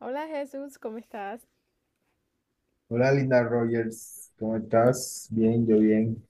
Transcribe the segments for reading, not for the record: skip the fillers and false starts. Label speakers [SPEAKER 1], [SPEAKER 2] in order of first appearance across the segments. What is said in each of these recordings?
[SPEAKER 1] Hola Jesús, ¿cómo estás?
[SPEAKER 2] Hola Linda Rogers, ¿cómo estás? Bien, yo bien.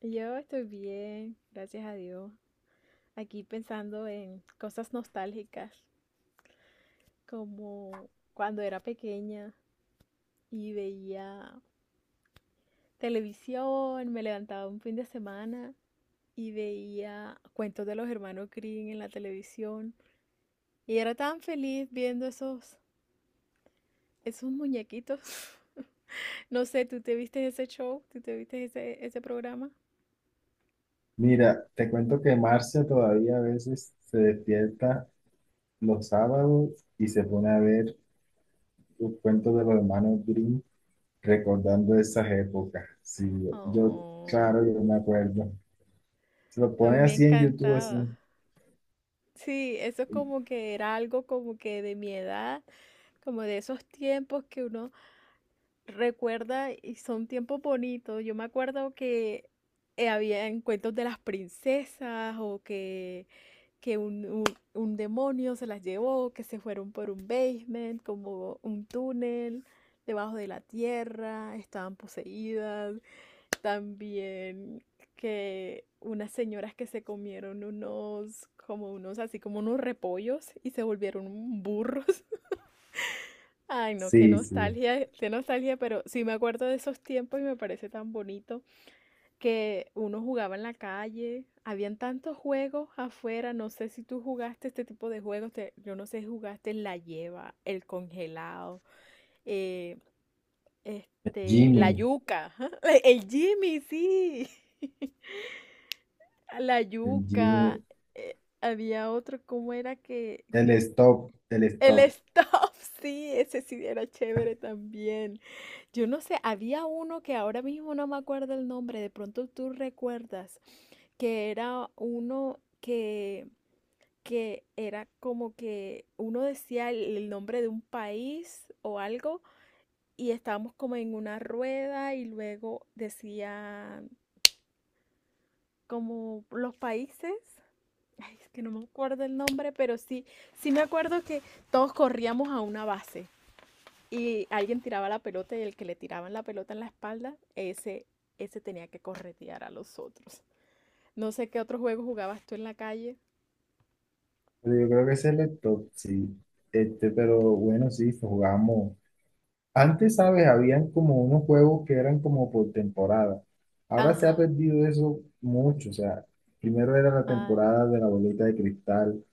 [SPEAKER 1] Yo estoy bien, gracias a Dios. Aquí pensando en cosas nostálgicas, como cuando era pequeña y veía televisión, me levantaba un fin de semana y veía cuentos de los hermanos Grimm en la televisión y era tan feliz viendo esos muñequitos. No sé, ¿tú te viste ese show? ¿Tú te viste ese programa?
[SPEAKER 2] Mira, te cuento que Marcia todavía a veces se despierta los sábados y se pone a ver los cuentos de los hermanos Grimm recordando esas épocas. Sí,
[SPEAKER 1] Oh,
[SPEAKER 2] claro, yo me acuerdo. Se lo
[SPEAKER 1] a
[SPEAKER 2] pone
[SPEAKER 1] mí me
[SPEAKER 2] así en YouTube,
[SPEAKER 1] encantaba.
[SPEAKER 2] así.
[SPEAKER 1] Sí, eso como que era algo como que de mi edad, como de esos tiempos que uno recuerda y son tiempos bonitos. Yo me acuerdo que había cuentos de las princesas o que un demonio se las llevó, que se fueron por un basement, como un túnel debajo de la tierra, estaban poseídas. También que unas señoras que se comieron unos, como unos, así como unos repollos y se volvieron burros. Ay, no,
[SPEAKER 2] Sí, sí.
[SPEAKER 1] qué nostalgia, pero sí me acuerdo de esos tiempos y me parece tan bonito que uno jugaba en la calle, habían tantos juegos afuera, no sé si tú jugaste este tipo de juegos, yo no sé si jugaste la lleva, el congelado, eh, este, la
[SPEAKER 2] Jimmy,
[SPEAKER 1] yuca, el Jimmy, sí. La
[SPEAKER 2] el
[SPEAKER 1] yuca,
[SPEAKER 2] Jimmy,
[SPEAKER 1] había otro, ¿cómo era que?
[SPEAKER 2] el
[SPEAKER 1] El
[SPEAKER 2] stop.
[SPEAKER 1] stop, sí, ese sí era chévere también. Yo no sé, había uno que ahora mismo no me acuerdo el nombre, de pronto tú recuerdas, que era uno que era como que uno decía el nombre de un país o algo y estábamos como en una rueda y luego decía como los países. Ay, es que no me acuerdo el nombre, pero sí, sí me acuerdo que todos corríamos a una base y alguien tiraba la pelota y el que le tiraban la pelota en la espalda, ese tenía que corretear a los otros. No sé qué otro juego jugabas tú en la calle.
[SPEAKER 2] Pero yo creo que es el stop, sí. Este, pero bueno, sí, jugamos. Antes, ¿sabes? Habían como unos juegos que eran como por temporada. Ahora se ha
[SPEAKER 1] Ajá.
[SPEAKER 2] perdido eso mucho. O sea, primero era la
[SPEAKER 1] Ay,
[SPEAKER 2] temporada de la bolita de cristal,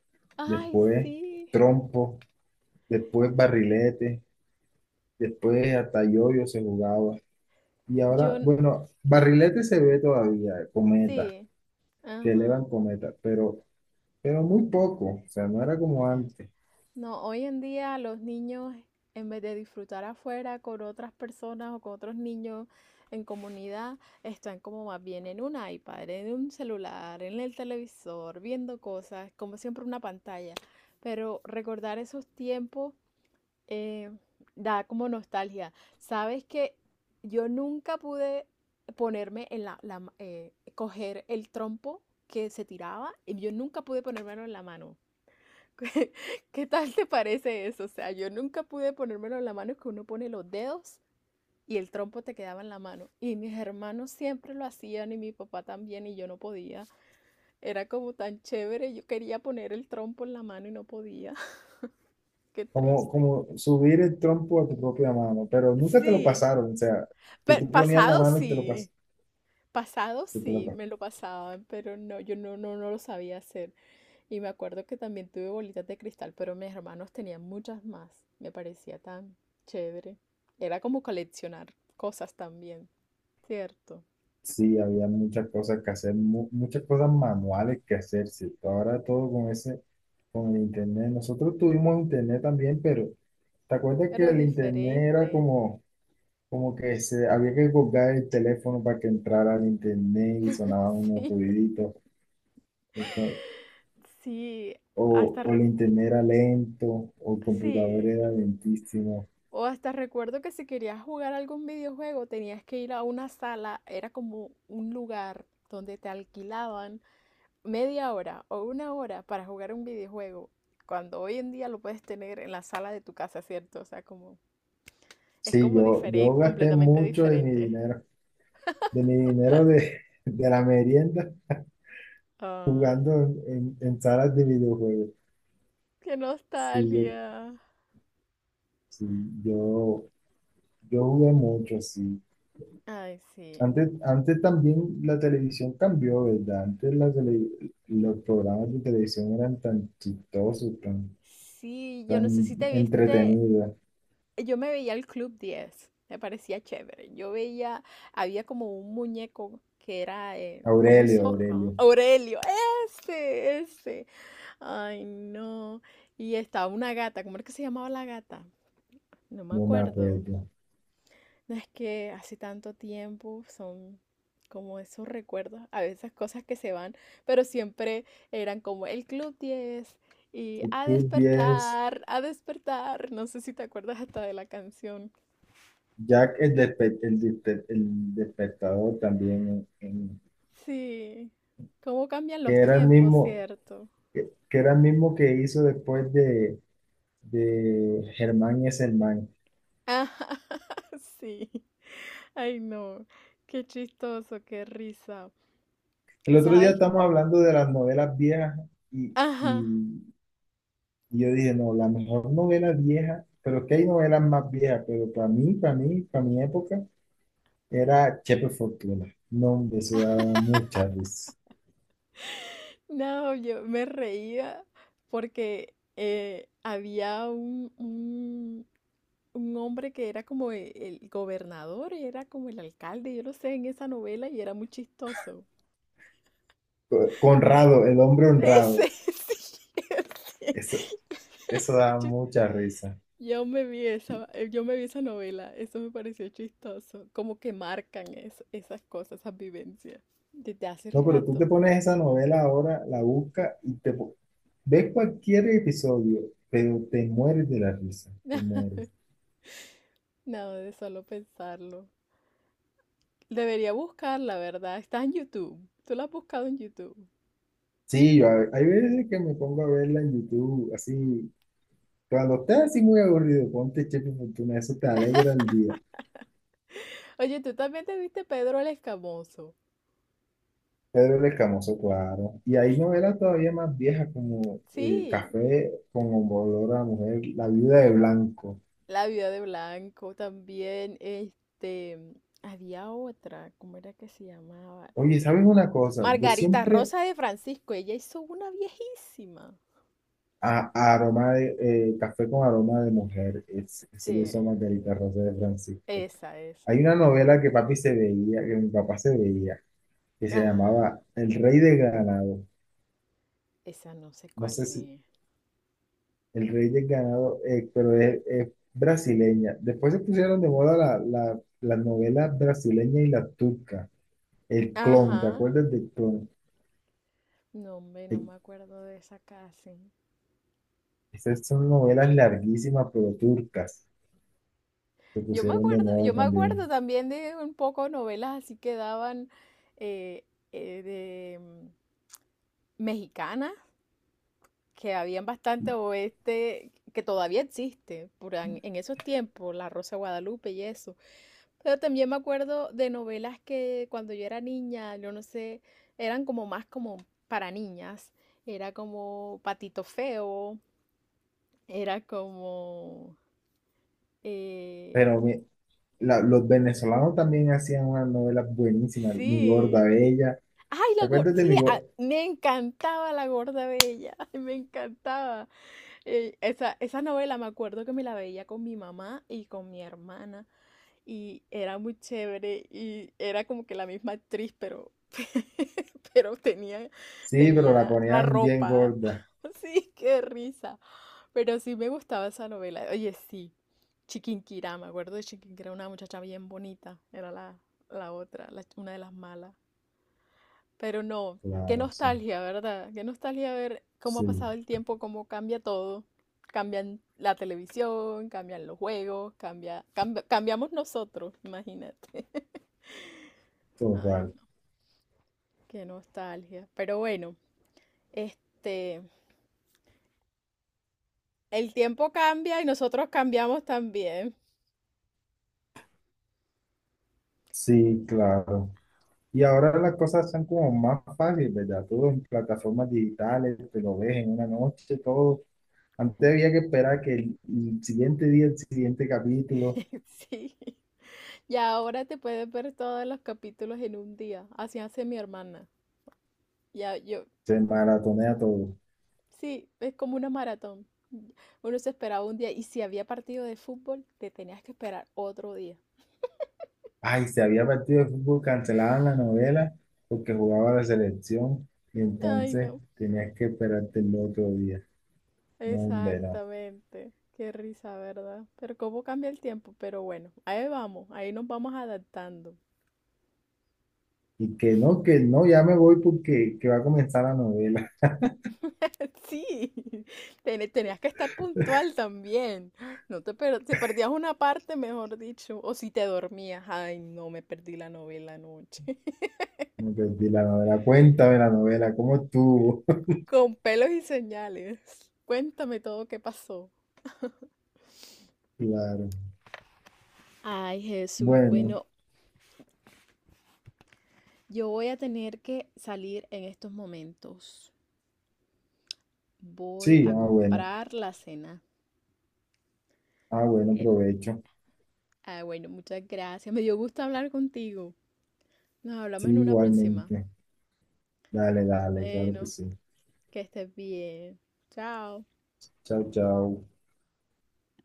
[SPEAKER 1] ay,
[SPEAKER 2] después
[SPEAKER 1] sí.
[SPEAKER 2] trompo, después barrilete, después hasta yoyo se jugaba. Y
[SPEAKER 1] Yo,
[SPEAKER 2] ahora,
[SPEAKER 1] n-
[SPEAKER 2] bueno, barrilete se ve todavía, cometa,
[SPEAKER 1] sí.
[SPEAKER 2] que elevan
[SPEAKER 1] Ajá.
[SPEAKER 2] cometa, pero muy poco. O sea, no era como antes.
[SPEAKER 1] No, hoy en día los niños, en vez de disfrutar afuera con otras personas o con otros niños en comunidad, están como más bien en un iPad, en un celular, en el televisor, viendo cosas, como siempre una pantalla. Pero recordar esos tiempos eh, da como nostalgia. Sabes que yo nunca pude ponerme en la coger el trompo que se tiraba y yo nunca pude ponérmelo en la mano. ¿Qué qué tal te parece eso? O sea, yo nunca pude ponérmelo en la mano, que uno pone los dedos y el trompo te quedaba en la mano. Y mis hermanos siempre lo hacían y mi papá también y yo no podía. Era como tan chévere, yo quería poner el trompo en la mano y no podía. Qué
[SPEAKER 2] Como,
[SPEAKER 1] triste.
[SPEAKER 2] como subir el trompo a tu propia mano, pero nunca te lo
[SPEAKER 1] Sí,
[SPEAKER 2] pasaron. O sea, que
[SPEAKER 1] pero
[SPEAKER 2] tú ponías la mano y te lo pasaban
[SPEAKER 1] pasado
[SPEAKER 2] que te lo
[SPEAKER 1] sí,
[SPEAKER 2] pa-
[SPEAKER 1] me lo pasaban, pero no, yo no, no, no lo sabía hacer. Y me acuerdo que también tuve bolitas de cristal, pero mis hermanos tenían muchas más. Me parecía tan chévere. Era como coleccionar cosas también, ¿cierto?
[SPEAKER 2] Sí, había muchas cosas que hacer, muchas cosas manuales que hacer, sí. Ahora todo con con el internet. Nosotros tuvimos internet también, pero ¿te acuerdas que
[SPEAKER 1] Pero
[SPEAKER 2] el internet era
[SPEAKER 1] diferente.
[SPEAKER 2] como, como que se, había que colgar el teléfono para que entrara al internet y sonaban unos
[SPEAKER 1] Sí,
[SPEAKER 2] ruiditos? O, que-
[SPEAKER 1] sí,
[SPEAKER 2] o
[SPEAKER 1] hasta
[SPEAKER 2] o el
[SPEAKER 1] re-
[SPEAKER 2] internet era lento, o el computador
[SPEAKER 1] sí.
[SPEAKER 2] era lentísimo.
[SPEAKER 1] O hasta recuerdo que si querías jugar algún videojuego tenías que ir a una sala, era como un lugar donde te alquilaban media hora o una hora para jugar un videojuego, cuando hoy en día lo puedes tener en la sala de tu casa, ¿cierto? O sea, como es
[SPEAKER 2] Sí,
[SPEAKER 1] como
[SPEAKER 2] yo
[SPEAKER 1] diferente,
[SPEAKER 2] gasté
[SPEAKER 1] completamente
[SPEAKER 2] mucho de mi
[SPEAKER 1] diferente.
[SPEAKER 2] dinero, de mi dinero de, de la merienda.
[SPEAKER 1] Ay,
[SPEAKER 2] Jugando en salas de videojuegos.
[SPEAKER 1] qué
[SPEAKER 2] Sí,
[SPEAKER 1] nostalgia.
[SPEAKER 2] sí, yo, yo jugué mucho, sí.
[SPEAKER 1] Ay, sí.
[SPEAKER 2] Antes, antes también la televisión cambió, ¿verdad? Los programas de televisión eran tan chistosos, tan,
[SPEAKER 1] Sí, yo no sé
[SPEAKER 2] tan
[SPEAKER 1] si te viste,
[SPEAKER 2] entretenidos.
[SPEAKER 1] yo me veía el Club diez me parecía chévere. Yo veía, había como un muñeco que era como un
[SPEAKER 2] Aurelio,
[SPEAKER 1] zorro.
[SPEAKER 2] Aurelio,
[SPEAKER 1] Aurelio, ese, ese. Ay, no. Y estaba una gata, ¿cómo era que se llamaba la gata? No me
[SPEAKER 2] no me
[SPEAKER 1] acuerdo.
[SPEAKER 2] acuerdo.
[SPEAKER 1] No es que hace tanto tiempo son como esos recuerdos, a veces cosas que se van, pero siempre eran como el Club diez y
[SPEAKER 2] El
[SPEAKER 1] a
[SPEAKER 2] Club diez,
[SPEAKER 1] despertar, a despertar. No sé si te acuerdas hasta de la canción.
[SPEAKER 2] Jack el, despe- el, despe- el despertador también,
[SPEAKER 1] Sí, cómo cambian
[SPEAKER 2] que
[SPEAKER 1] los
[SPEAKER 2] era el
[SPEAKER 1] tiempos,
[SPEAKER 2] mismo,
[SPEAKER 1] ¿cierto?
[SPEAKER 2] que era el mismo que hizo después de Germán y Germán.
[SPEAKER 1] Ah, sí. Ay, no. Qué chistoso, qué risa.
[SPEAKER 2] El otro día
[SPEAKER 1] ¿Sabes?
[SPEAKER 2] estamos hablando de las novelas viejas y,
[SPEAKER 1] Ajá.
[SPEAKER 2] y- y yo dije, no, la mejor novela vieja, pero es que hay novelas más viejas, pero para mí, para mi época, era Chepe Fortuna. No, hombre, eso daba mucha risa.
[SPEAKER 1] No, yo me reía porque un hombre que era como el gobernador, era como el alcalde, yo lo sé, en esa novela y era muy chistoso.
[SPEAKER 2] Conrado, el hombre honrado,
[SPEAKER 1] Ese, sí, ese.
[SPEAKER 2] eso, eso daba
[SPEAKER 1] Yo
[SPEAKER 2] mucha risa.
[SPEAKER 1] yo me vi esa, yo me vi esa novela, eso me pareció chistoso, como que marcan esas cosas, esas vivencias, desde hace
[SPEAKER 2] No, pero tú te
[SPEAKER 1] rato.
[SPEAKER 2] pones esa novela ahora, la buscas ves cualquier episodio, pero te mueres de la risa, te mueres.
[SPEAKER 1] No, de solo pensarlo. Debería buscar, la verdad. Está en YouTube. Tú la has buscado en YouTube.
[SPEAKER 2] Sí, hay veces que me pongo a verla en YouTube, así, cuando estás así muy aburrido, ponte Chepe Fortuna, eso te alegra el día.
[SPEAKER 1] Oye, tú también te viste Pedro el Escamoso.
[SPEAKER 2] Pedro el Escamoso, claro. Y hay novelas todavía más viejas como
[SPEAKER 1] Sí,
[SPEAKER 2] Café con olor a mujer, La viuda de Blanco.
[SPEAKER 1] La vida de Blanco también. Este, había otra, ¿cómo era que se llamaba?
[SPEAKER 2] Oye, ¿sabes una cosa? Yo
[SPEAKER 1] Margarita
[SPEAKER 2] siempre
[SPEAKER 1] Rosa de Francisco. Ella hizo una viejísima.
[SPEAKER 2] a aroma de Café con aroma de mujer, eso lo hizo
[SPEAKER 1] Sí,
[SPEAKER 2] Margarita Rosa de Francisco.
[SPEAKER 1] esa, esa.
[SPEAKER 2] Hay una novela que papi se veía, que mi papá se veía, que se
[SPEAKER 1] Ajá,
[SPEAKER 2] llamaba El Rey de Ganado.
[SPEAKER 1] esa no sé
[SPEAKER 2] No
[SPEAKER 1] cuál
[SPEAKER 2] sé si
[SPEAKER 1] es.
[SPEAKER 2] El rey del ganado, pero es brasileña. Después se pusieron de moda las novelas brasileñas y las turcas. El clon, ¿te
[SPEAKER 1] Ajá.
[SPEAKER 2] acuerdas del clon?
[SPEAKER 1] No, hombre, no
[SPEAKER 2] Eh,
[SPEAKER 1] me acuerdo de esa casi.
[SPEAKER 2] Esas son novelas larguísimas, pero turcas. Se pusieron de moda
[SPEAKER 1] Yo me acuerdo
[SPEAKER 2] también.
[SPEAKER 1] también de un poco novelas así que daban eh, eh, de mm, mexicanas que habían bastante oeste, que todavía existe, esos tiempos, La Rosa de Guadalupe y eso. Pero también me acuerdo de novelas que cuando yo era niña, yo no sé, eran como más como para niñas. Era como Patito Feo, era como... eh,
[SPEAKER 2] Pero mi- los venezolanos también hacían unas novelas buenísimas. Mi gorda
[SPEAKER 1] sí,
[SPEAKER 2] bella.
[SPEAKER 1] Ay,
[SPEAKER 2] ¿Te
[SPEAKER 1] la gorda,
[SPEAKER 2] acuerdas de
[SPEAKER 1] sí,
[SPEAKER 2] mi gorda?
[SPEAKER 1] me encantaba la gorda bella, me encantaba. Esa, esa novela me acuerdo que me la veía con mi mamá y con mi hermana y era muy chévere y era como que la misma actriz, pero, pero tenía,
[SPEAKER 2] Sí, pero la
[SPEAKER 1] tenía la
[SPEAKER 2] ponían bien
[SPEAKER 1] ropa.
[SPEAKER 2] gorda.
[SPEAKER 1] Sí, qué risa. Pero sí me gustaba esa novela. Oye, sí, Chiquinquirá, me acuerdo de Chiquinquirá, una muchacha bien bonita, era la, la otra, una de las malas. Pero no, qué
[SPEAKER 2] Claro, sí.
[SPEAKER 1] nostalgia, ¿verdad? Qué nostalgia ver cómo ha
[SPEAKER 2] Sí,
[SPEAKER 1] pasado el tiempo, cómo cambia todo. Cambian la televisión, cambian los juegos, cambiamos nosotros, imagínate. Ay,
[SPEAKER 2] total.
[SPEAKER 1] no, qué nostalgia. Pero bueno, este, el tiempo cambia y nosotros cambiamos también.
[SPEAKER 2] Sí, claro. Y ahora las cosas son como más fáciles, ¿verdad? Todo en plataformas digitales, te lo ves en una noche, todo. Antes había que esperar que el siguiente día, el siguiente capítulo,
[SPEAKER 1] Sí. Y ahora te puedes ver todos los capítulos en un día. Así hace mi hermana. Ya, yo,
[SPEAKER 2] se maratonea todo.
[SPEAKER 1] sí, es como una maratón. Uno se esperaba un día y si había partido de fútbol, te tenías que esperar otro día.
[SPEAKER 2] Ay, si había partido de fútbol, cancelaban la novela porque jugaba la selección y
[SPEAKER 1] Ay,
[SPEAKER 2] entonces
[SPEAKER 1] no.
[SPEAKER 2] tenías que esperarte el otro día. No, hombre, no.
[SPEAKER 1] Exactamente. Qué risa, ¿verdad? Pero cómo cambia el tiempo. Pero bueno, ahí vamos, ahí nos vamos adaptando.
[SPEAKER 2] Y que no, ya me voy porque que va a comenzar la novela.
[SPEAKER 1] Sí, tenías que estar puntual también. No te, per- te perdías una parte, mejor dicho, o si te dormías. Ay, no, me perdí la novela anoche.
[SPEAKER 2] Me perdí la novela. Cuéntame la novela, ¿cómo estuvo?
[SPEAKER 1] Con pelos y señales. Cuéntame todo qué pasó.
[SPEAKER 2] Claro.
[SPEAKER 1] Ay, Jesús,
[SPEAKER 2] Bueno.
[SPEAKER 1] bueno, yo voy a tener que salir en estos momentos. Voy
[SPEAKER 2] Sí,
[SPEAKER 1] a
[SPEAKER 2] ah, bueno.
[SPEAKER 1] comprar la cena.
[SPEAKER 2] Ah, bueno,
[SPEAKER 1] Em,
[SPEAKER 2] provecho.
[SPEAKER 1] ah, bueno, muchas gracias. Me dio gusto hablar contigo. Nos
[SPEAKER 2] Sí,
[SPEAKER 1] hablamos en una próxima.
[SPEAKER 2] igualmente. Dale, dale, claro que
[SPEAKER 1] Bueno,
[SPEAKER 2] sí.
[SPEAKER 1] que estés bien. Chao.
[SPEAKER 2] Chao, chao.